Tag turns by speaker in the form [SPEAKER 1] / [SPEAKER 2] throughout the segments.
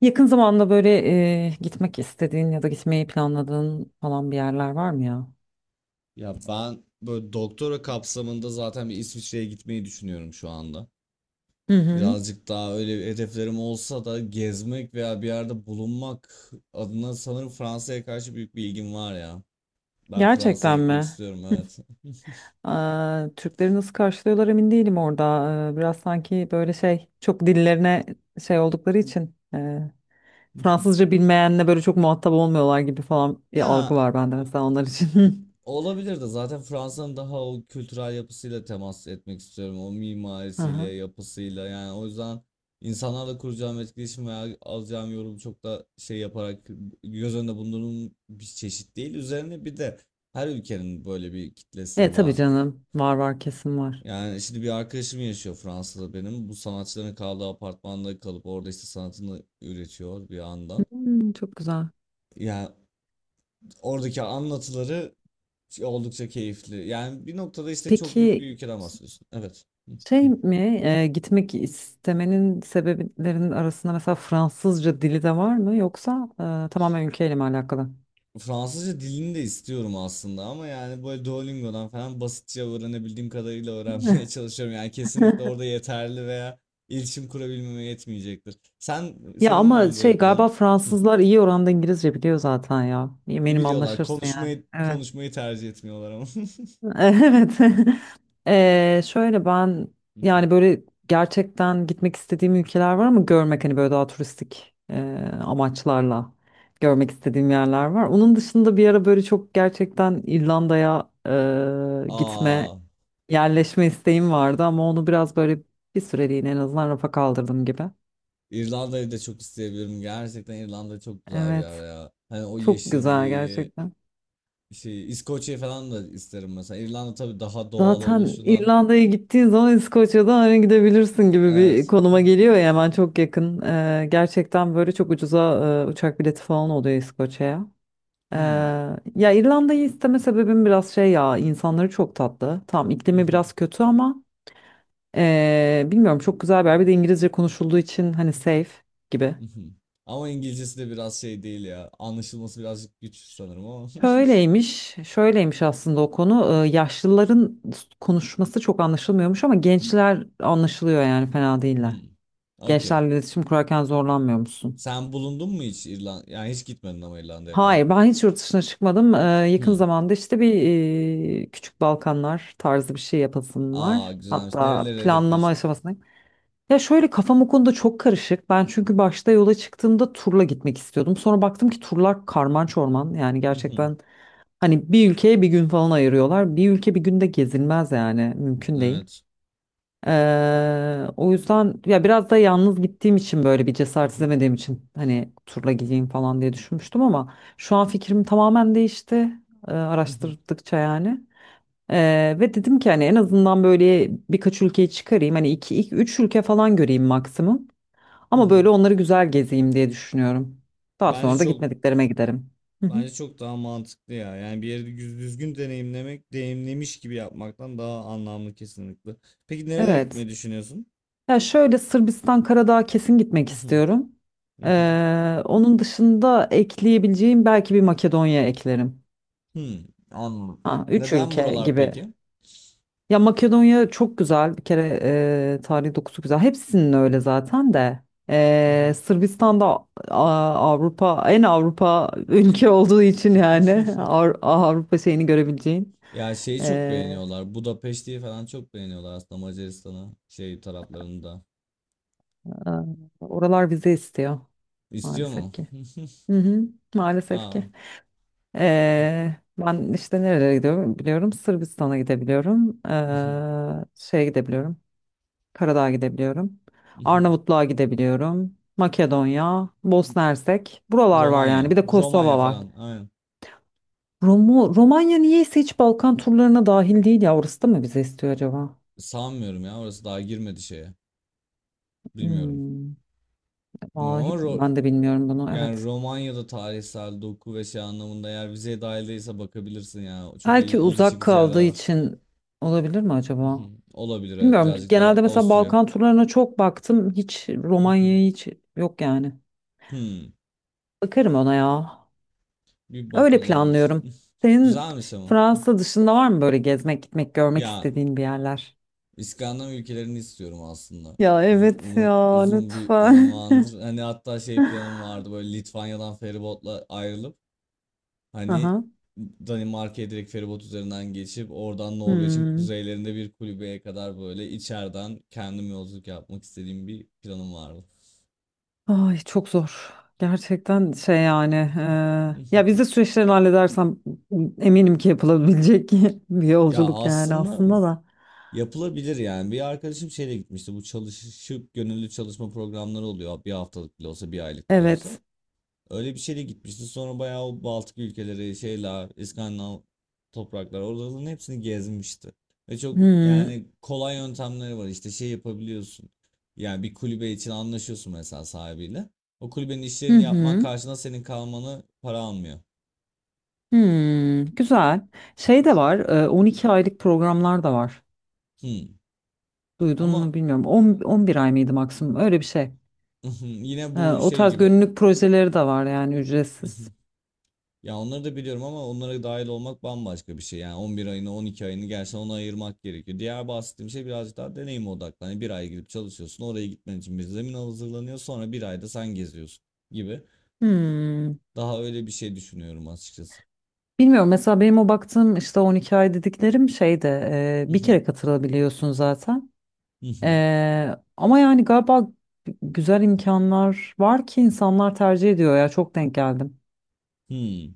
[SPEAKER 1] Yakın zamanda böyle gitmek istediğin ya da gitmeyi planladığın falan bir yerler var mı ya?
[SPEAKER 2] Ya ben böyle doktora kapsamında zaten bir İsviçre'ye gitmeyi düşünüyorum şu anda.
[SPEAKER 1] Hı hı.
[SPEAKER 2] Birazcık daha öyle hedeflerim olsa da gezmek veya bir yerde bulunmak adına sanırım Fransa'ya karşı büyük bir ilgim var ya. Ben Fransa'ya
[SPEAKER 1] Gerçekten
[SPEAKER 2] gitmek
[SPEAKER 1] mi?
[SPEAKER 2] istiyorum evet.
[SPEAKER 1] Aa, Türkleri nasıl karşılıyorlar emin değilim orada. Biraz sanki böyle şey çok dillerine şey oldukları için Fransızca bilmeyenle böyle çok muhatap olmuyorlar gibi falan bir algı
[SPEAKER 2] Ya
[SPEAKER 1] var bende mesela onlar için.
[SPEAKER 2] olabilir de zaten Fransa'nın daha o kültürel yapısıyla temas etmek istiyorum. O mimarisiyle,
[SPEAKER 1] Aha.
[SPEAKER 2] yapısıyla yani o yüzden insanlarla kuracağım etkileşim veya alacağım yorum çok da şey yaparak göz önünde bulundurduğum bir çeşit değil. Üzerine bir de her ülkenin böyle bir
[SPEAKER 1] E
[SPEAKER 2] kitlesi
[SPEAKER 1] tabii
[SPEAKER 2] var.
[SPEAKER 1] canım, var var kesin var.
[SPEAKER 2] Yani şimdi bir arkadaşım yaşıyor Fransa'da benim. Bu sanatçıların kaldığı apartmanda kalıp orada işte sanatını üretiyor bir yandan.
[SPEAKER 1] Hmm, çok güzel.
[SPEAKER 2] Yani oradaki anlatıları şey, oldukça keyifli. Yani bir noktada işte çok büyük bir
[SPEAKER 1] Peki,
[SPEAKER 2] ülkeden bahsediyorsun. Evet. Hı,
[SPEAKER 1] Şey
[SPEAKER 2] hı.
[SPEAKER 1] mi gitmek istemenin sebeplerinin arasında mesela Fransızca dili de var mı, yoksa tamamen ülkeyle mi alakalı?
[SPEAKER 2] Fransızca dilini de istiyorum aslında ama yani böyle Duolingo'dan falan basitçe öğrenebildiğim kadarıyla öğrenmeye çalışıyorum. Yani kesinlikle orada yeterli veya iletişim kurabilmeme yetmeyecektir.
[SPEAKER 1] Ya
[SPEAKER 2] Senin var
[SPEAKER 1] ama
[SPEAKER 2] mı böyle
[SPEAKER 1] şey, galiba
[SPEAKER 2] planın? Hı.
[SPEAKER 1] Fransızlar iyi oranda İngilizce biliyor zaten ya. Eminim
[SPEAKER 2] Biliyorlar
[SPEAKER 1] anlaşırsın yani.
[SPEAKER 2] konuşmayı
[SPEAKER 1] Evet.
[SPEAKER 2] konuşmayı tercih etmiyorlar ama.
[SPEAKER 1] Evet. Şöyle ben
[SPEAKER 2] Hı hı.
[SPEAKER 1] yani böyle gerçekten gitmek istediğim ülkeler var ama görmek, hani böyle daha turistik amaçlarla görmek istediğim yerler var. Onun dışında bir ara böyle çok gerçekten İrlanda'ya
[SPEAKER 2] Aa,
[SPEAKER 1] yerleşme isteğim vardı ama onu biraz böyle bir süreliğine en azından rafa kaldırdım gibi.
[SPEAKER 2] İrlanda'yı da çok isteyebilirim. Gerçekten İrlanda çok güzel bir
[SPEAKER 1] Evet.
[SPEAKER 2] yer ya. Hani o
[SPEAKER 1] Çok güzel
[SPEAKER 2] yeşilliği,
[SPEAKER 1] gerçekten.
[SPEAKER 2] şey İskoçya falan da isterim mesela. İrlanda tabii daha doğal
[SPEAKER 1] Zaten
[SPEAKER 2] oluşundan.
[SPEAKER 1] İrlanda'ya gittiğin zaman İskoçya'dan hani gidebilirsin gibi bir
[SPEAKER 2] Evet.
[SPEAKER 1] konuma geliyor ya, hemen çok yakın. Gerçekten böyle çok ucuza uçak bileti falan oluyor İskoçya'ya. Ee,
[SPEAKER 2] Hmm.
[SPEAKER 1] Ya İrlanda'yı isteme sebebim biraz şey, ya insanları çok tatlı. Tam iklimi
[SPEAKER 2] Mhm,
[SPEAKER 1] biraz kötü ama bilmiyorum, çok güzel bir yer. Bir de İngilizce konuşulduğu için hani safe gibi.
[SPEAKER 2] mhm. Ama İngilizcesi de biraz şey değil ya. Anlaşılması birazcık güç sanırım ama.
[SPEAKER 1] Şöyleymiş, şöyleymiş aslında o konu. Yaşlıların konuşması çok anlaşılmıyormuş ama gençler anlaşılıyor, yani fena değiller.
[SPEAKER 2] Hmm. Okey.
[SPEAKER 1] Gençlerle iletişim kurarken zorlanmıyor musun?
[SPEAKER 2] Sen bulundun mu hiç İrlanda? Yani hiç gitmedin ama İrlanda'ya falan.
[SPEAKER 1] Hayır, ben hiç yurt dışına çıkmadım. Yakın
[SPEAKER 2] Hmm.
[SPEAKER 1] zamanda işte bir küçük Balkanlar tarzı bir şey yapasım
[SPEAKER 2] Aa,
[SPEAKER 1] var.
[SPEAKER 2] güzelmiş.
[SPEAKER 1] Hatta
[SPEAKER 2] Nereleri
[SPEAKER 1] planlama
[SPEAKER 2] hedefliyorsun?
[SPEAKER 1] aşamasındayım. Ya şöyle, kafam o konuda çok karışık. Ben çünkü başta yola çıktığımda turla gitmek istiyordum. Sonra baktım ki turlar karman çorman. Yani
[SPEAKER 2] Mhm.
[SPEAKER 1] gerçekten hani bir ülkeye bir gün falan ayırıyorlar. Bir ülke bir günde gezilmez yani, mümkün değil.
[SPEAKER 2] Evet.
[SPEAKER 1] O yüzden ya biraz da yalnız gittiğim için, böyle bir cesaret
[SPEAKER 2] Mhm,
[SPEAKER 1] edemediğim için hani turla gideyim falan diye düşünmüştüm ama şu an fikrim tamamen değişti
[SPEAKER 2] mhm,
[SPEAKER 1] araştırdıkça yani. Ve dedim ki hani en azından böyle birkaç ülkeyi çıkarayım, hani iki, iki üç ülke falan göreyim maksimum ama böyle
[SPEAKER 2] mhm.
[SPEAKER 1] onları güzel gezeyim diye düşünüyorum. Daha
[SPEAKER 2] Bence
[SPEAKER 1] sonra da
[SPEAKER 2] çok
[SPEAKER 1] gitmediklerime giderim. Hı hı.
[SPEAKER 2] Bence çok daha mantıklı ya. Yani bir yeri düzgün deneyimlemek, deneyimlemiş gibi yapmaktan daha anlamlı kesinlikle. Peki nerelere
[SPEAKER 1] Evet.
[SPEAKER 2] gitmeyi düşünüyorsun?
[SPEAKER 1] Ya şöyle, Sırbistan Karadağ'a kesin gitmek istiyorum. Onun dışında ekleyebileceğim, belki bir Makedonya eklerim.
[SPEAKER 2] Hmm, anladım.
[SPEAKER 1] Ha, üç
[SPEAKER 2] Neden
[SPEAKER 1] ülke
[SPEAKER 2] buralar
[SPEAKER 1] gibi.
[SPEAKER 2] peki?
[SPEAKER 1] Ya Makedonya çok güzel. Bir kere tarihi dokusu güzel. Hepsinin öyle zaten de. Sırbistan'da Avrupa, en Avrupa ülke olduğu için yani Avrupa şeyini görebileceğin.
[SPEAKER 2] Ya şeyi çok
[SPEAKER 1] Ee,
[SPEAKER 2] beğeniyorlar. Budapeşte'yi falan çok beğeniyorlar aslında Macaristan'ı şey taraflarında.
[SPEAKER 1] Oralar vize istiyor
[SPEAKER 2] İstiyor
[SPEAKER 1] maalesef
[SPEAKER 2] mu?
[SPEAKER 1] ki. Hı hı, maalesef
[SPEAKER 2] Aa.
[SPEAKER 1] ki. Ben işte nerelere gidiyorum biliyorum. Sırbistan'a gidebiliyorum. Şeye gidebiliyorum. Karadağ'a gidebiliyorum. Arnavutluğa gidebiliyorum. Makedonya, Bosna Hersek. Buralar var yani.
[SPEAKER 2] Romanya.
[SPEAKER 1] Bir de
[SPEAKER 2] Romanya
[SPEAKER 1] Kosova var.
[SPEAKER 2] falan. Aynen.
[SPEAKER 1] Romanya niyeyse hiç Balkan turlarına dahil değil ya. Orası da mı bize istiyor acaba?
[SPEAKER 2] Sanmıyorum ya. Orası daha girmedi şeye. Bilmiyorum.
[SPEAKER 1] Hmm,
[SPEAKER 2] Bilmiyorum ama
[SPEAKER 1] vallahi ben de bilmiyorum bunu.
[SPEAKER 2] Yani
[SPEAKER 1] Evet.
[SPEAKER 2] Romanya'da tarihsel doku ve şey anlamında eğer vizeye dahil değilse bakabilirsin ya. Çok
[SPEAKER 1] Belki
[SPEAKER 2] ilgi
[SPEAKER 1] uzak
[SPEAKER 2] çekici yerler
[SPEAKER 1] kaldığı
[SPEAKER 2] var.
[SPEAKER 1] için olabilir mi acaba?
[SPEAKER 2] Olabilir evet.
[SPEAKER 1] Bilmiyorum.
[SPEAKER 2] Birazcık daha
[SPEAKER 1] Genelde mesela
[SPEAKER 2] Avusturya.
[SPEAKER 1] Balkan turlarına çok baktım. Hiç Romanya'ya, hiç yok yani.
[SPEAKER 2] Hmm,
[SPEAKER 1] Bakarım ona ya.
[SPEAKER 2] bir
[SPEAKER 1] Öyle
[SPEAKER 2] bakılabilir.
[SPEAKER 1] planlıyorum. Senin
[SPEAKER 2] Güzelmiş ama.
[SPEAKER 1] Fransa dışında var mı böyle gezmek, gitmek, görmek
[SPEAKER 2] Ya
[SPEAKER 1] istediğin bir yerler?
[SPEAKER 2] İskandinav ülkelerini istiyorum aslında.
[SPEAKER 1] Ya
[SPEAKER 2] Uzun,
[SPEAKER 1] evet,
[SPEAKER 2] uzun,
[SPEAKER 1] ya
[SPEAKER 2] uzun bir
[SPEAKER 1] lütfen.
[SPEAKER 2] zamandır. Hani hatta şey planım vardı böyle Litvanya'dan feribotla ayrılıp hani
[SPEAKER 1] Aha.
[SPEAKER 2] Danimarka'ya direkt feribot üzerinden geçip oradan Norveç'in
[SPEAKER 1] Hmm.
[SPEAKER 2] kuzeylerinde bir kulübeye kadar böyle içeriden kendim yolculuk yapmak istediğim bir planım vardı.
[SPEAKER 1] Ay, çok zor. Gerçekten şey yani. Ya vize süreçlerini halledersem eminim ki yapılabilecek bir
[SPEAKER 2] Ya
[SPEAKER 1] yolculuk yani
[SPEAKER 2] aslında
[SPEAKER 1] aslında da.
[SPEAKER 2] yapılabilir yani. Bir arkadaşım şeyle gitmişti. Bu çalışıp gönüllü çalışma programları oluyor. Bir haftalık bile olsa, bir aylık bile olsa.
[SPEAKER 1] Evet.
[SPEAKER 2] Öyle bir şeyle gitmişti. Sonra bayağı o Baltık ülkeleri, şeyler, İskandinav topraklar oraların hepsini gezmişti. Ve çok
[SPEAKER 1] Hmm.
[SPEAKER 2] yani kolay yöntemleri var. İşte şey yapabiliyorsun. Yani bir kulübe için anlaşıyorsun mesela sahibiyle. O kulübenin
[SPEAKER 1] Hı
[SPEAKER 2] işlerini yapman
[SPEAKER 1] hı.
[SPEAKER 2] karşılığında senin kalmanı para almıyor.
[SPEAKER 1] Hmm, güzel. Şey de var, 12 aylık programlar da var.
[SPEAKER 2] Hmm.
[SPEAKER 1] Duydun
[SPEAKER 2] Ama
[SPEAKER 1] mu bilmiyorum. 10, 11 ay mıydı maksimum? Öyle bir şey.
[SPEAKER 2] yine bu
[SPEAKER 1] O
[SPEAKER 2] şey
[SPEAKER 1] tarz
[SPEAKER 2] gibi.
[SPEAKER 1] gönüllülük projeleri de var yani, ücretsiz.
[SPEAKER 2] Ya onları da biliyorum ama onlara dahil olmak bambaşka bir şey. Yani 11 ayını 12 ayını gerçekten ona ayırmak gerekiyor. Diğer bahsettiğim şey birazcık daha deneyim odaklı. Hani bir ay gidip çalışıyorsun oraya gitmen için bir zemin hazırlanıyor sonra bir ayda sen geziyorsun gibi.
[SPEAKER 1] Hmm.
[SPEAKER 2] Daha öyle bir şey düşünüyorum açıkçası.
[SPEAKER 1] Bilmiyorum, mesela benim o baktığım işte 12 ay dediklerim şeyde bir kere katılabiliyorsun zaten. Ama yani galiba güzel imkanlar var ki insanlar tercih ediyor ya, çok denk geldim.
[SPEAKER 2] Hmm.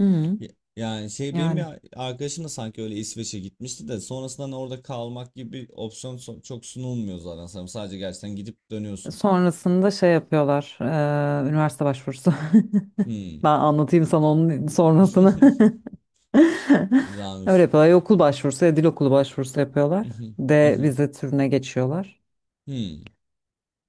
[SPEAKER 1] Hı hı.
[SPEAKER 2] Ya- Yani şey benim bir
[SPEAKER 1] Yani
[SPEAKER 2] arkadaşım da sanki öyle İsveç'e gitmişti de sonrasında hani orada kalmak gibi bir opsiyon çok sunulmuyor zaten. Sen sadece gerçekten gidip dönüyorsun.
[SPEAKER 1] sonrasında şey yapıyorlar, üniversite başvurusu. Ben
[SPEAKER 2] Hmm.
[SPEAKER 1] anlatayım sana onun sonrasını. Öyle
[SPEAKER 2] Güzelmiş.
[SPEAKER 1] yapıyorlar. Ya okul başvurusu ya dil okulu başvurusu yapıyorlar. D vize türüne geçiyorlar.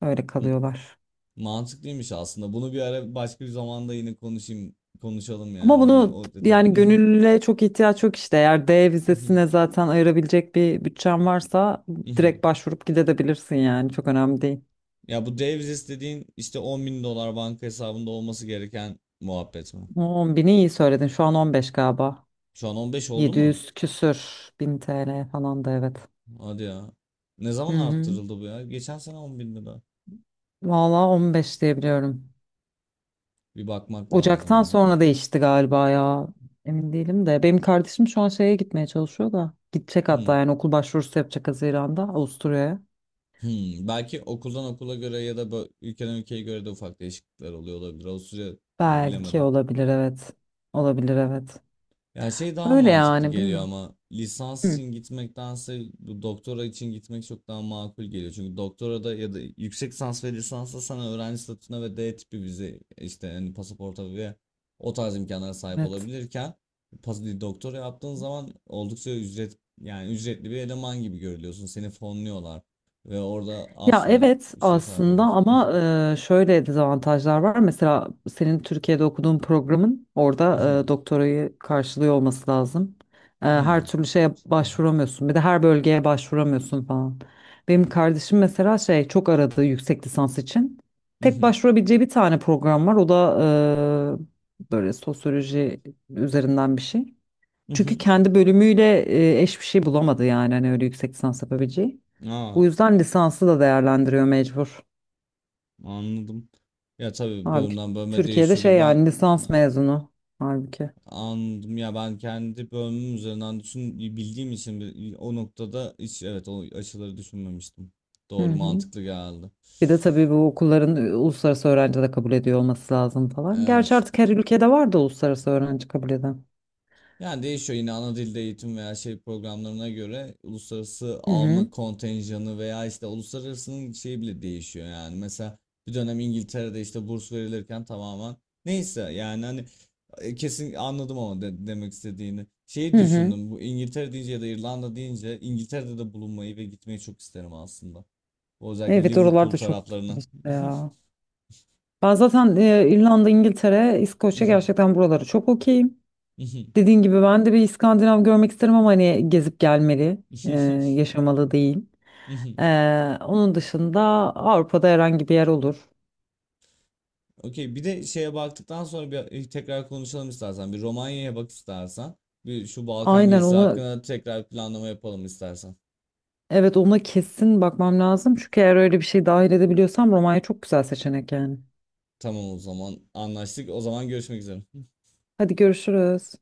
[SPEAKER 1] Öyle
[SPEAKER 2] M-
[SPEAKER 1] kalıyorlar.
[SPEAKER 2] Mantıklıymış aslında. Bunu bir ara başka bir zamanda yine konuşalım
[SPEAKER 1] Ama
[SPEAKER 2] yani. Hani
[SPEAKER 1] bunu
[SPEAKER 2] o detay.
[SPEAKER 1] yani, gönüllüye çok ihtiyaç yok işte. Eğer D vizesine zaten ayırabilecek bir bütçen varsa direkt başvurup gidebilirsin yani. Çok önemli değil.
[SPEAKER 2] Ya bu Davis dediğin işte 10 bin dolar banka hesabında olması gereken muhabbet mi?
[SPEAKER 1] 10 bini iyi söyledin. Şu an 15 galiba.
[SPEAKER 2] Şu an 15 oldu mu?
[SPEAKER 1] 700 küsür bin TL falan da evet.
[SPEAKER 2] Hadi ya. Ne
[SPEAKER 1] Hı
[SPEAKER 2] zaman
[SPEAKER 1] hı.
[SPEAKER 2] arttırıldı bu ya? Geçen sene 10 bin lira.
[SPEAKER 1] Valla 15 diyebiliyorum.
[SPEAKER 2] Bir bakmak lazım
[SPEAKER 1] Ocaktan
[SPEAKER 2] ya.
[SPEAKER 1] sonra değişti galiba ya. Emin değilim de. Benim kardeşim şu an şeye gitmeye çalışıyor da. Gidecek
[SPEAKER 2] Hmm.
[SPEAKER 1] hatta yani, okul başvurusu yapacak Haziran'da Avusturya'ya.
[SPEAKER 2] Hmm. Belki okuldan okula göre ya da ülkeden ülkeye göre de ufak değişiklikler oluyor olabilir. O süre
[SPEAKER 1] Belki
[SPEAKER 2] bilemedim.
[SPEAKER 1] olabilir, evet. Olabilir, evet.
[SPEAKER 2] Ya şey daha
[SPEAKER 1] Öyle
[SPEAKER 2] mantıklı
[SPEAKER 1] yani,
[SPEAKER 2] geliyor
[SPEAKER 1] bilmiyorum.
[SPEAKER 2] ama lisans
[SPEAKER 1] Hı.
[SPEAKER 2] için gitmektense bu doktora için gitmek çok daha makul geliyor. Çünkü doktorada ya da yüksek lisans ve lisansta sana öğrenci statüsüne ve D tipi vize işte hani pasaporta ve o tarz imkanlara sahip
[SPEAKER 1] Evet.
[SPEAKER 2] olabilirken doktora yaptığın zaman oldukça ücret yani ücretli bir eleman gibi görülüyorsun. Seni fonluyorlar ve orada
[SPEAKER 1] Ya
[SPEAKER 2] aslında
[SPEAKER 1] evet
[SPEAKER 2] bir şeye sahip
[SPEAKER 1] aslında
[SPEAKER 2] olmuş.
[SPEAKER 1] ama şöyle dezavantajlar var. Mesela senin Türkiye'de okuduğun programın orada doktorayı karşılıyor olması lazım. Her türlü şeye başvuramıyorsun. Bir de her bölgeye başvuramıyorsun falan. Benim kardeşim mesela şey, çok aradı yüksek lisans için. Tek başvurabileceği bir tane program var. O da böyle sosyoloji üzerinden bir şey. Çünkü kendi bölümüyle eş bir şey bulamadı yani, hani öyle yüksek lisans yapabileceği.
[SPEAKER 2] Aa,
[SPEAKER 1] Bu yüzden lisansı da değerlendiriyor mecbur.
[SPEAKER 2] anladım. Ya tabii
[SPEAKER 1] Halbuki
[SPEAKER 2] bölümden bölüme
[SPEAKER 1] Türkiye'de şey
[SPEAKER 2] değişiyordur. Ben
[SPEAKER 1] yani, lisans mezunu halbuki.
[SPEAKER 2] anladım ya ben kendi bölümüm üzerinden düşün bildiğim için o noktada hiç evet o açıları düşünmemiştim.
[SPEAKER 1] Hı
[SPEAKER 2] Doğru
[SPEAKER 1] hı.
[SPEAKER 2] mantıklı geldi.
[SPEAKER 1] Bir de tabii bu okulların uluslararası öğrenci de kabul ediyor olması lazım falan. Gerçi
[SPEAKER 2] Evet.
[SPEAKER 1] artık her ülkede var da uluslararası öğrenci kabul eden.
[SPEAKER 2] Yani değişiyor yine ana dilde eğitim veya şey programlarına göre uluslararası
[SPEAKER 1] Hı hı.
[SPEAKER 2] alma kontenjanı veya işte uluslararasının şeyi bile değişiyor yani. Mesela bir dönem İngiltere'de işte burs verilirken tamamen neyse yani hani kesin anladım ama demek istediğini. Şeyi
[SPEAKER 1] Hı hı.
[SPEAKER 2] düşündüm bu İngiltere deyince ya da İrlanda deyince İngiltere'de de bulunmayı ve gitmeyi çok isterim aslında. Özellikle
[SPEAKER 1] Evet,
[SPEAKER 2] Liverpool
[SPEAKER 1] oralarda çok güzel
[SPEAKER 2] taraflarına.
[SPEAKER 1] işte ya. Ben zaten İrlanda, İngiltere, İskoçya, gerçekten buraları çok okeyim. Dediğin gibi ben de bir İskandinav görmek isterim ama hani gezip gelmeli, e, yaşamalı değil. Onun dışında Avrupa'da herhangi bir yer olur.
[SPEAKER 2] Okey. Bir de şeye baktıktan sonra bir tekrar konuşalım istersen. Bir Romanya'ya bak istersen. Bir şu Balkan
[SPEAKER 1] Aynen
[SPEAKER 2] gezisi
[SPEAKER 1] onu,
[SPEAKER 2] hakkında tekrar planlama yapalım istersen.
[SPEAKER 1] evet, ona kesin bakmam lazım. Çünkü eğer öyle bir şey dahil edebiliyorsam Romanya çok güzel seçenek yani.
[SPEAKER 2] Tamam o zaman anlaştık. O zaman görüşmek üzere.
[SPEAKER 1] Hadi görüşürüz.